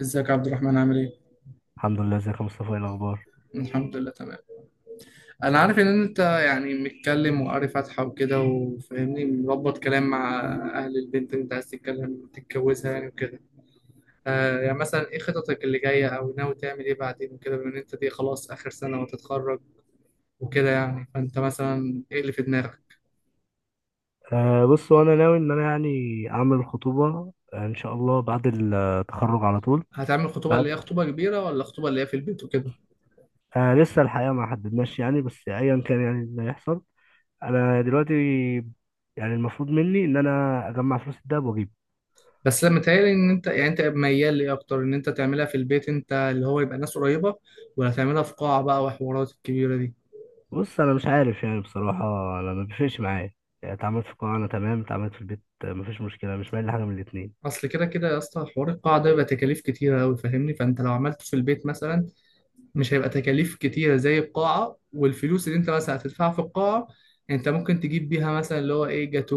ازيك يا عبد الرحمن؟ عامل ايه؟ الحمد لله. ازيك يا مصطفى؟ ايه الاخبار؟ الحمد لله تمام. انا عارف ان انت يعني متكلم وقاري فاتحة وكده، وفاهمني مربط كلام مع اهل البنت اللي انت عايز تتكلم تتجوزها يعني وكده. آه يعني مثلا ايه خططك اللي جاية او ناوي تعمل ايه بعدين وكده، بما ان انت دي خلاص اخر سنة وتتخرج وكده يعني؟ فانت مثلا ايه اللي في دماغك؟ بص، وانا ناوي ان انا يعني اعمل الخطوبه، ان شاء الله بعد التخرج على طول. هتعمل خطوبة بعد اللي هي خطوبة كبيرة، ولا خطوبة اللي هي في البيت وكده؟ أه لسه الحقيقه ما حددناش يعني، بس ايا كان يعني اللي هيحصل. انا دلوقتي يعني المفروض مني ان انا اجمع فلوس الدهب واجيبه. بس لما متهيألي ان انت يعني انت ميال ليه اكتر، ان انت تعملها في البيت انت اللي هو يبقى ناس قريبة، ولا تعملها في قاعة بقى وحوارات الكبيرة دي؟ بص انا مش عارف يعني بصراحه، انا ما بيفرقش معايا. يعني اتعاملت في القاعه انا تمام، اتعاملت في البيت مفيش مشكله، مش مايل لحاجه من الاتنين. اصل كده كده يا اسطى حوار القاعه ده بيبقى تكاليف كتيره قوي فاهمني، فانت لو عملته في البيت مثلا مش هيبقى تكاليف كتيره زي القاعه، والفلوس اللي انت مثلا هتدفعها في القاعه انت ممكن تجيب بيها مثلا اللي هو ايه، جاتو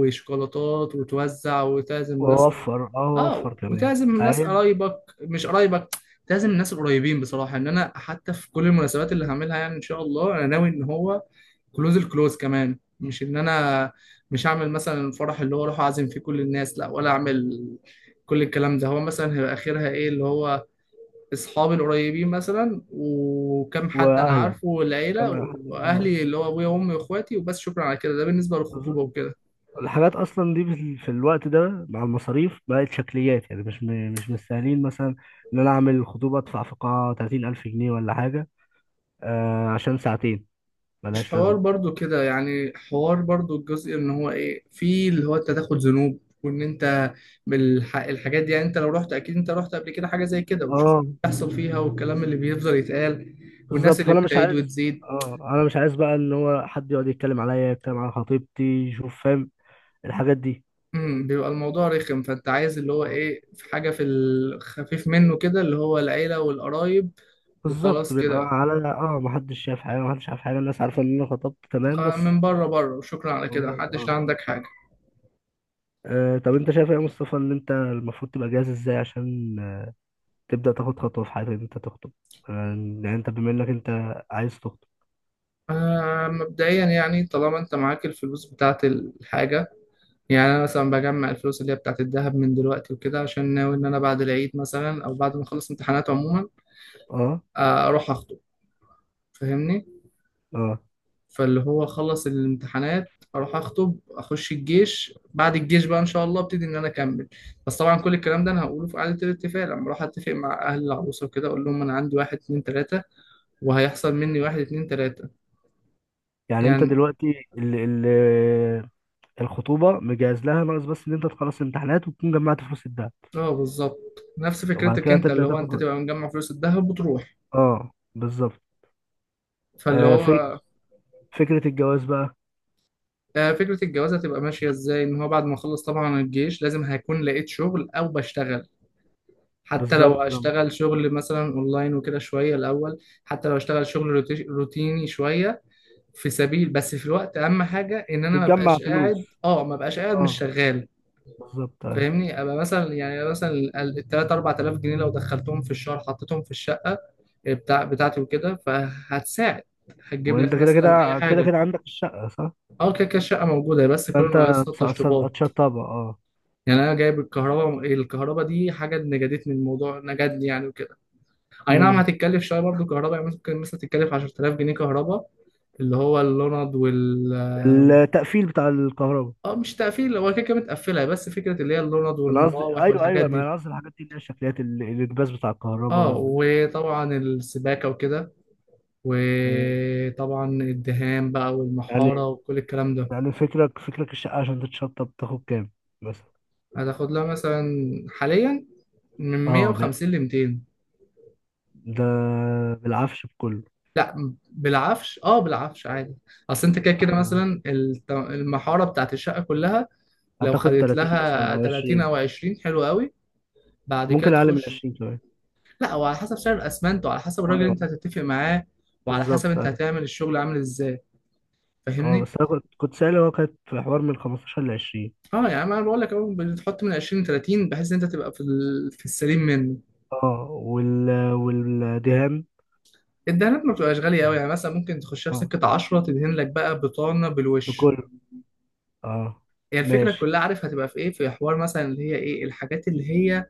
وشوكولاتات وتوزع وتعزم ناس. واوفر، اه واوفر اه كمان. وتعزم ناس فاهم. قرايبك مش قرايبك، تعزم الناس القريبين. بصراحه ان انا حتى في كل المناسبات اللي هعملها يعني ان شاء الله انا ناوي ان هو الكلوز كمان، مش ان انا مش هعمل مثلا الفرح اللي هو اروح اعزم فيه كل الناس، لا، ولا اعمل كل الكلام ده. هو مثلا هيبقى اخرها ايه؟ اللي هو اصحابي القريبين مثلا وكم حد انا واهلا عارفه، كمان والعيله حد. واهلي اللي هو ابويا وامي واخواتي وبس، شكرا على كده. ده بالنسبه للخطوبه اه، وكده. الحاجات اصلا دي في في الوقت ده مع المصاريف بقت شكليات، يعني مش مستاهلين مثلا ان انا اعمل الخطوبه ادفع في قاعه 30000 جنيه ولا حاجه. آه، عشان ساعتين مش ملهاش حوار لازمه. برضو كده يعني، حوار برضو الجزء ان هو ايه، في اللي هو انت تاخد ذنوب وان انت الحاجات دي، يعني انت لو رحت اكيد انت رحت قبل كده حاجه زي كده وشفت اللي اه بيحصل فيها، والكلام اللي بيفضل يتقال والناس بالظبط، اللي فانا مش بتعيد عايز. وتزيد. اه انا مش عايز بقى ان هو حد يقعد يتكلم عليا، يتكلم على خطيبتي، يشوف، فاهم الحاجات دي. بيبقى الموضوع رخم. فانت عايز اللي هو آه، ايه، في حاجه في الخفيف منه كده، اللي هو العيله والقرايب، بالظبط، وخلاص بيبقى كده. على اه محدش شايف حاجه، محدش عارف حاجه، الناس عارفه ان انا خطبت تمام بس. من بره بره، وشكرا على كده هم- اه محدش، لا عندك حاجه. آه، طب انت شايف ايه يا مصطفى ان انت المفروض تبقى جاهز ازاي عشان تبدأ تاخد خطوة في حياتك إن أنت تخطب؟ آه، يعني أنت بما إنك أنت عايز تخطب. آه مبدئيا يعني طالما انت معاك الفلوس بتاعت الحاجه، يعني انا مثلا بجمع الفلوس اللي هي بتاعت الذهب من دلوقتي وكده عشان ناوي ان انا بعد العيد مثلا، او بعد ما اخلص امتحانات عموما، أه. آه، اروح اخطب. فاهمني، أه فاللي هو اخلص الامتحانات اروح اخطب، اخش الجيش، بعد الجيش بقى ان شاء الله ابتدي ان انا اكمل. بس طبعا كل الكلام ده انا هقوله في قعده الاتفاق لما اروح اتفق مع اهل العروسه وكده، اقول لهم انا عندي واحد اتنين تلاته وهيحصل مني واحد اتنين تلاته يعني أنت يعني. دلوقتي ال الخطوبة مجهز لها، ناقص بس إن أنت تخلص امتحانات وتكون جمعت فلوس الدهب اه بالظبط، نفس وبعد فكرتك كده انت اللي تبدأ هو تاخد انت خطوة. تبقى مجمع فلوس الذهب وتروح. أه بالظبط. فاللي آه، في هو فكرة الجواز بقى. آه، فكرة الجواز هتبقى ماشية ازاي؟ ان هو بعد ما اخلص طبعا الجيش لازم هيكون لقيت شغل او بشتغل، حتى لو بالظبط طبعاً. اشتغل شغل مثلا اونلاين وكده شوية الاول، حتى لو اشتغل شغل روتيني شوية في سبيل، بس في الوقت اهم حاجة ان انا ما بتجمع بقاش قاعد، فلوس. مش أه شغال. بالظبط أيوة. فاهمني ابقى مثلا، يعني مثلا ال 3 4000 جنيه لو دخلتهم في الشهر حطيتهم في الشقة آه، بتاعتي وكده فهتساعد، هتجيب وأنت لك كده مثلا اي كده كده حاجة. كده عندك الشقة صح؟ اه كده كده الشقة موجودة بس كل اللي فأنت ناقصها التشطيبات. هتشطبها أه. يعني انا جايب الكهرباء دي حاجه نجدتني الموضوع، نجدني يعني وكده. اي نعم مم. هتتكلف شويه برضو كهرباء، يعني ممكن مثلا تتكلف 10000 جنيه كهرباء اللي هو اللوند وال... التقفيل بتاع الكهرباء. اه مش تقفيل، هو كده كده متقفله، بس فكره اللي هي اللوند انا قصدي والمراوح ايوه والحاجات ايوه، ما دي. انا قصدي الحاجات دي اللي هي الشكليات، الانكباس بتاع الكهرباء اه وطبعا السباكه وكده، مم. وطبعا الدهان بقى يعني، والمحاره وكل الكلام ده. يعني فكرك الشقه عشان تتشطب بتاخد كام مثلا؟ هتاخد لها مثلا حاليا من اه ب... 150 ل 200. ده بالعفش بكله؟ لا بالعفش، اه بالعفش عادي. اصل انت كده ايوه كده أيوة. مثلا المحاره بتاعت الشقه كلها لو هتاخد خدت 30 مثلا لها او 30 20؟ او 20 حلو قوي، بعد كده ممكن اقل من تخش. 20 كمان. لا، وعلى حسب سعر الاسمنت وعلى حسب الراجل اللي انت اه هتتفق معاه، وعلى حسب بالظبط انت ايوه. هتعمل الشغل عامل ازاي. اه فاهمني. بس انا كنت سالي، هو كانت في حوار من 15 ل 20. اه يعني انا بقول لك اهو، بتحط من 20 ل 30 بحيث ان انت تبقى في ال-، في السليم منه. اه، والدهان الدهانات ما بتبقاش غاليه قوي، يعني مثلا ممكن تخشها في اه سكه 10 تدهن لك بقى بطانه بالوش. بكله. اه هي يعني الفكره ماشي. كلها عارف هتبقى في ايه، في حوار مثلا اللي هي ايه الحاجات اللي هي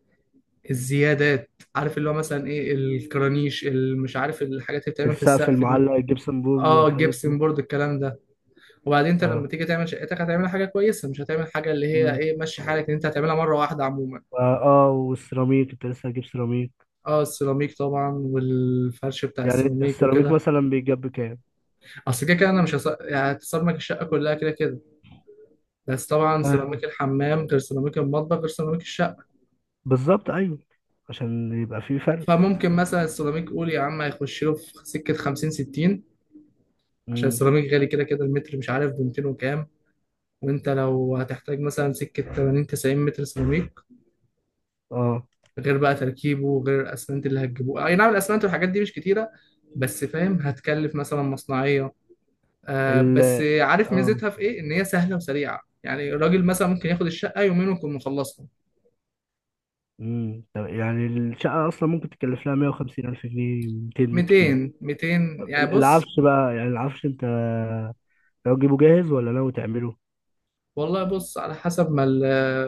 الزيادات، عارف اللي هو مثلا ايه، الكرانيش، مش عارف الحاجات اللي بتعمل في السقف السقف دي. المعلق، الجبسن بورد اه والحاجات دي. جبسن بورد الكلام ده. وبعدين انت اه. لما تيجي تعمل شقتك هتعمل حاجه كويسه، مش هتعمل حاجه اللي هي مم. ايه ماشي حالك، أو- ان انت هتعملها مره واحده عموما. فا اه والسيراميك، انت لسه هتجيب سيراميك؟ اه السيراميك طبعا، والفرش بتاع يعني السيراميك السيراميك وكده. مثلا بيتجاب بكام؟ اصل كده كده انا مش يعني هتصمك الشقه كلها كده كده، بس طبعا آه. سيراميك الحمام غير سيراميك المطبخ غير سيراميك الشقه. بالظبط ايوه، عشان يبقى في فرق. فممكن مثلا السيراميك قول يا عم هيخش له في سكه 50 60، عشان امم. السيراميك غالي كده كده المتر، مش عارف ب 200 وكام. وانت لو هتحتاج مثلا سكه 80 90 متر سيراميك، اه غير بقى تركيبه، وغير الاسمنت اللي هتجيبوه. اي نعم الاسمنت والحاجات دي مش كتيره، بس فاهم هتكلف مثلا مصنعيه. آه ال بس عارف اه ميزتها في ايه، ان هي سهله وسريعه، يعني الراجل مثلا ممكن ياخد الشقه يومين ويكون مخلصها. امم، طب يعني الشقة اصلا ممكن تكلف لها 150 الف جنيه، 200 بالكتير. 200، 200 يعني. بص، العفش بقى، يعني العفش انت لو تجيبه جاهز ولا ناوي تعمله؟ والله بص على حسب ما ال-،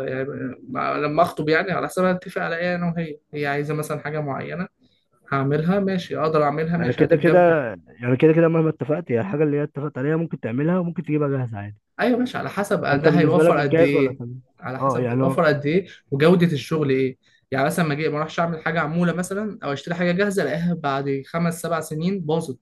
يعني لما اخطب يعني، على حسب ما اتفق على ايه انا وهي، هي عايزه مثلا حاجه معينه هعملها ماشي، اقدر اعملها ما ماشي كده كده، هتتجاب. يعني كده كده مهما اتفقت هي الحاجة اللي هي اتفقت عليها، ممكن تعملها وممكن تجيبها جاهز عادي. ايوه ماشي، على حسب فانت ده بالنسبة هيوفر لك قد الجاهز ولا ايه. تعمل؟ على اه حسب يعني هيوفر قد ايه، وجوده الشغل ايه. يعني مثلا ما اجي ما اروحش اعمل حاجه عموله مثلا، او اشتري حاجه جاهزه الاقيها بعد خمس سبع سنين باظت.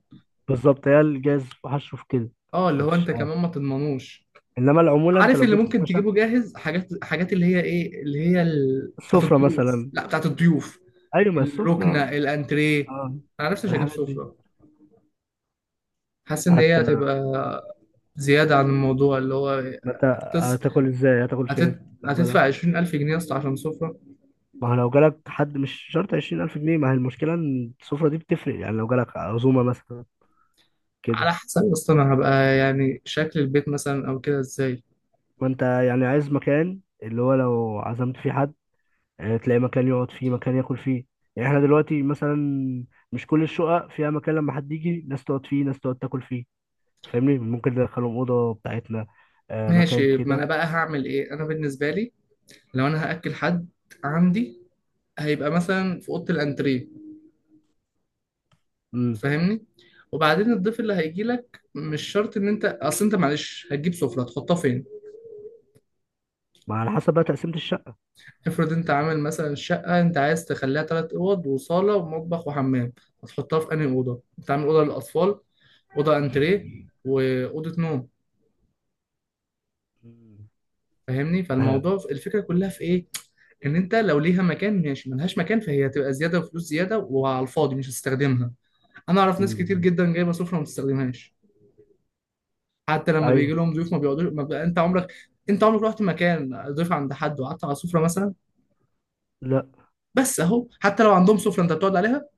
بالظبط، هي الجاز هشوف كده. اه، اللي انت هو مش انت عارف، كمان ما تضمنوش. انما العمولة انت عارف لو اللي جبت ممكن خشب. تجيبه جاهز حاجات، اللي هي ايه اللي هي ال...، بتاعت السفرة الضيوف، مثلا. لا بتاعت الضيوف ايوه ما الركنه السفرة. الانتريه. اه انا نفسي مش هجيب الحاجات دي. سفره، حاسس ان هي حتى ما هتبقى زياده عن الموضوع. اللي هو انت هتس... هتاكل ازاي، هتاكل فين هتت... لو جالك؟ هتدفع 20000 جنيه يا اسطى عشان سفره؟ ما هو لو جالك حد مش شرط 20000 جنيه، ما هي المشكلة إن السفرة دي بتفرق، يعني لو جالك عزومة مثلا كده. على حسب اصلا انا هبقى يعني شكل البيت مثلا او كده ازاي. ما أنت يعني عايز مكان اللي هو لو عزمت فيه حد تلاقي مكان يقعد فيه، مكان ياكل فيه. يعني إحنا دلوقتي مثلا مش كل الشقق فيها مكان لما حد يجي، ناس تقعد فيه، ناس تقعد تاكل فيه. فاهمني؟ ممكن ندخلهم اوضه بتاعتنا، آه مكان ماشي، ما انا كده. بقى هعمل ايه انا بالنسبه لي؟ لو انا هاكل حد عندي هيبقى مثلا في اوضه الانتريه. امم فاهمني، وبعدين الضيف اللي هيجي لك مش شرط ان انت، اصل انت معلش هتجيب سفره تحطها فين؟ ما على حسب بقى تقسيمه الشقه. افرض انت عامل مثلا شقه انت عايز تخليها ثلاث اوض وصاله ومطبخ وحمام، هتحطها في انهي اوضه؟ انت عامل اوضه للاطفال، اوضه انتريه، واوضه نوم. مم. فاهمني، آه. فالموضوع الفكره كلها في ايه، ان انت لو ليها مكان ماشي، ملهاش مكان فهي هتبقى زياده وفلوس زياده وعلى الفاضي مش هتستخدمها. انا اعرف ناس كتير مم. جدا جايبه سفره ما بتستخدمهاش، حتى لما بيجي ايوه. لهم ضيوف ما بيقعدوش. ما بقى انت عمرك، انت عمرك رحت مكان ضيف عند حد وقعدت على سفره مثلا؟ لا بس اهو حتى لو عندهم سفره انت بتقعد عليها؟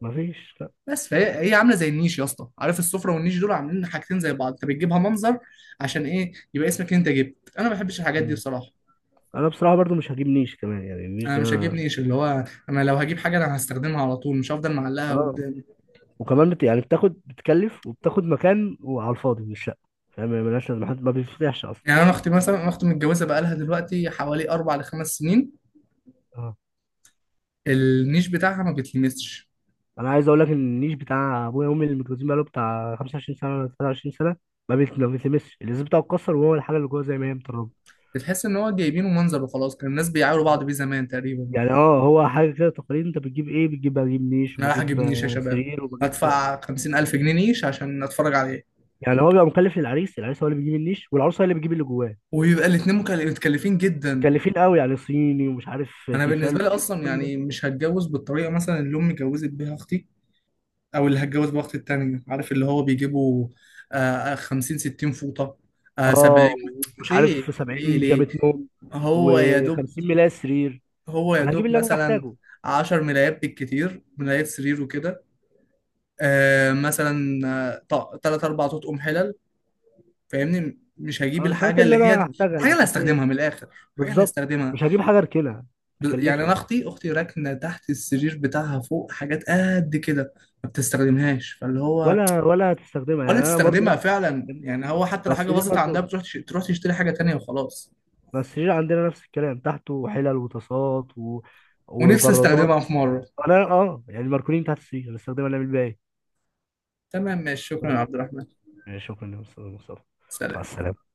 مفيش لا. بس فهي هي عامله زي النيش يا اسطى، عارف السفره والنيش دول عاملين حاجتين زي بعض، انت بتجيبها منظر عشان ايه، يبقى اسمك انت جبت. انا ما بحبش الحاجات دي مم. بصراحه، انا بصراحه برضو مش هجيب نيش كمان، يعني النيش انا ده مش هجيب نيش. اللي هو انا لو هجيب حاجه انا هستخدمها على طول، مش هفضل معلقها اه، قدام. يعني بتاخد، بتكلف، وبتاخد مكان وعلى الفاضي من الشقه. فاهم؟ يعني ملهاش لازمه، حد ما بيفتحش اصلا. يعني انا اختي مثلا، انا اختي متجوزه بقالها دلوقتي حوالي اربع لخمس سنين، اه، النيش بتاعها ما بيتلمسش، انا عايز اقول لك ان النيش بتاع ابويا وامي اللي متجوزين بقاله بتاع 25 سنه ولا 23 سنه، ما بيتلمسش، الازاز بتاعه اتكسر وهو الحاجه اللي جوه زي ما هي متربه. بتحس ان هو جايبينه منظر وخلاص. كان الناس بيعايروا بعض بيه زمان تقريبا، يعني اه، هو حاجه كده تقارير، انت بتجيب ايه؟ بتجيب، بجيب نيش، انا رايح وبجيب اجيب نيش يا شباب سرير، وبجيب. هدفع خمسين الف جنيه نيش عشان اتفرج عليه؟ يعني هو بيبقى مكلف للعريس، العريس هو اللي بيجيب النيش والعروسه هي اللي بتجيب اللي جواه. ويبقى الاتنين متكلفين جدا. مكلفين قوي، يعني صيني، ومش عارف انا تيفال، بالنسبه لي وايه اصلا وكل ده. يعني مش هتجوز بالطريقه مثلا اللي امي اتجوزت بيها اختي، او اللي هتجوز بيها اختي التانيه، عارف اللي هو بيجيبوا آه 50 60 فوطه، آه اه 70، ومش ليه عارف ليه 70 ليه؟ بيجامه نوم هو يا دوب، و50 ملاية سرير. هو يا انا هجيب دوب اللي انا مثلا محتاجه. 10 ملايات بالكتير، ملايات سرير وكده، آه مثلا آه، تلات أربع تطقم حلل. فاهمني مش هجيب اه الحاجات الحاجة اللي اللي انا هي، هحتاجها الحاجة اللي الاساسيه. هستخدمها من الآخر، الحاجة اللي بالظبط هستخدمها. مش هجيب حاجه اركنها يعني أنا تكلفني أختي راكنة تحت السرير بتاعها فوق حاجات قد كده، ما بتستخدمهاش. فاللي هو ولا، ولا هتستخدمها. ولا يعني انا برضه تستخدمها نفس. فعلا، يعني هو حتى لو حاجة بس ليه باظت عندها برضه. بتروح تروح تشتري حاجة تانية وخلاص. بس السرير عندنا نفس الكلام، تحته حلل وطاسات و... ونفسي وبرادات. استخدمها في مرة. انا اه يعني ماركولين تحت السرير بنستخدمها نعمل بيها ايه؟ تمام ماشي، شكرا يا عبد الرحمن، يعني شكرا يا استاذ مصطفى. سلام. مع السلامه.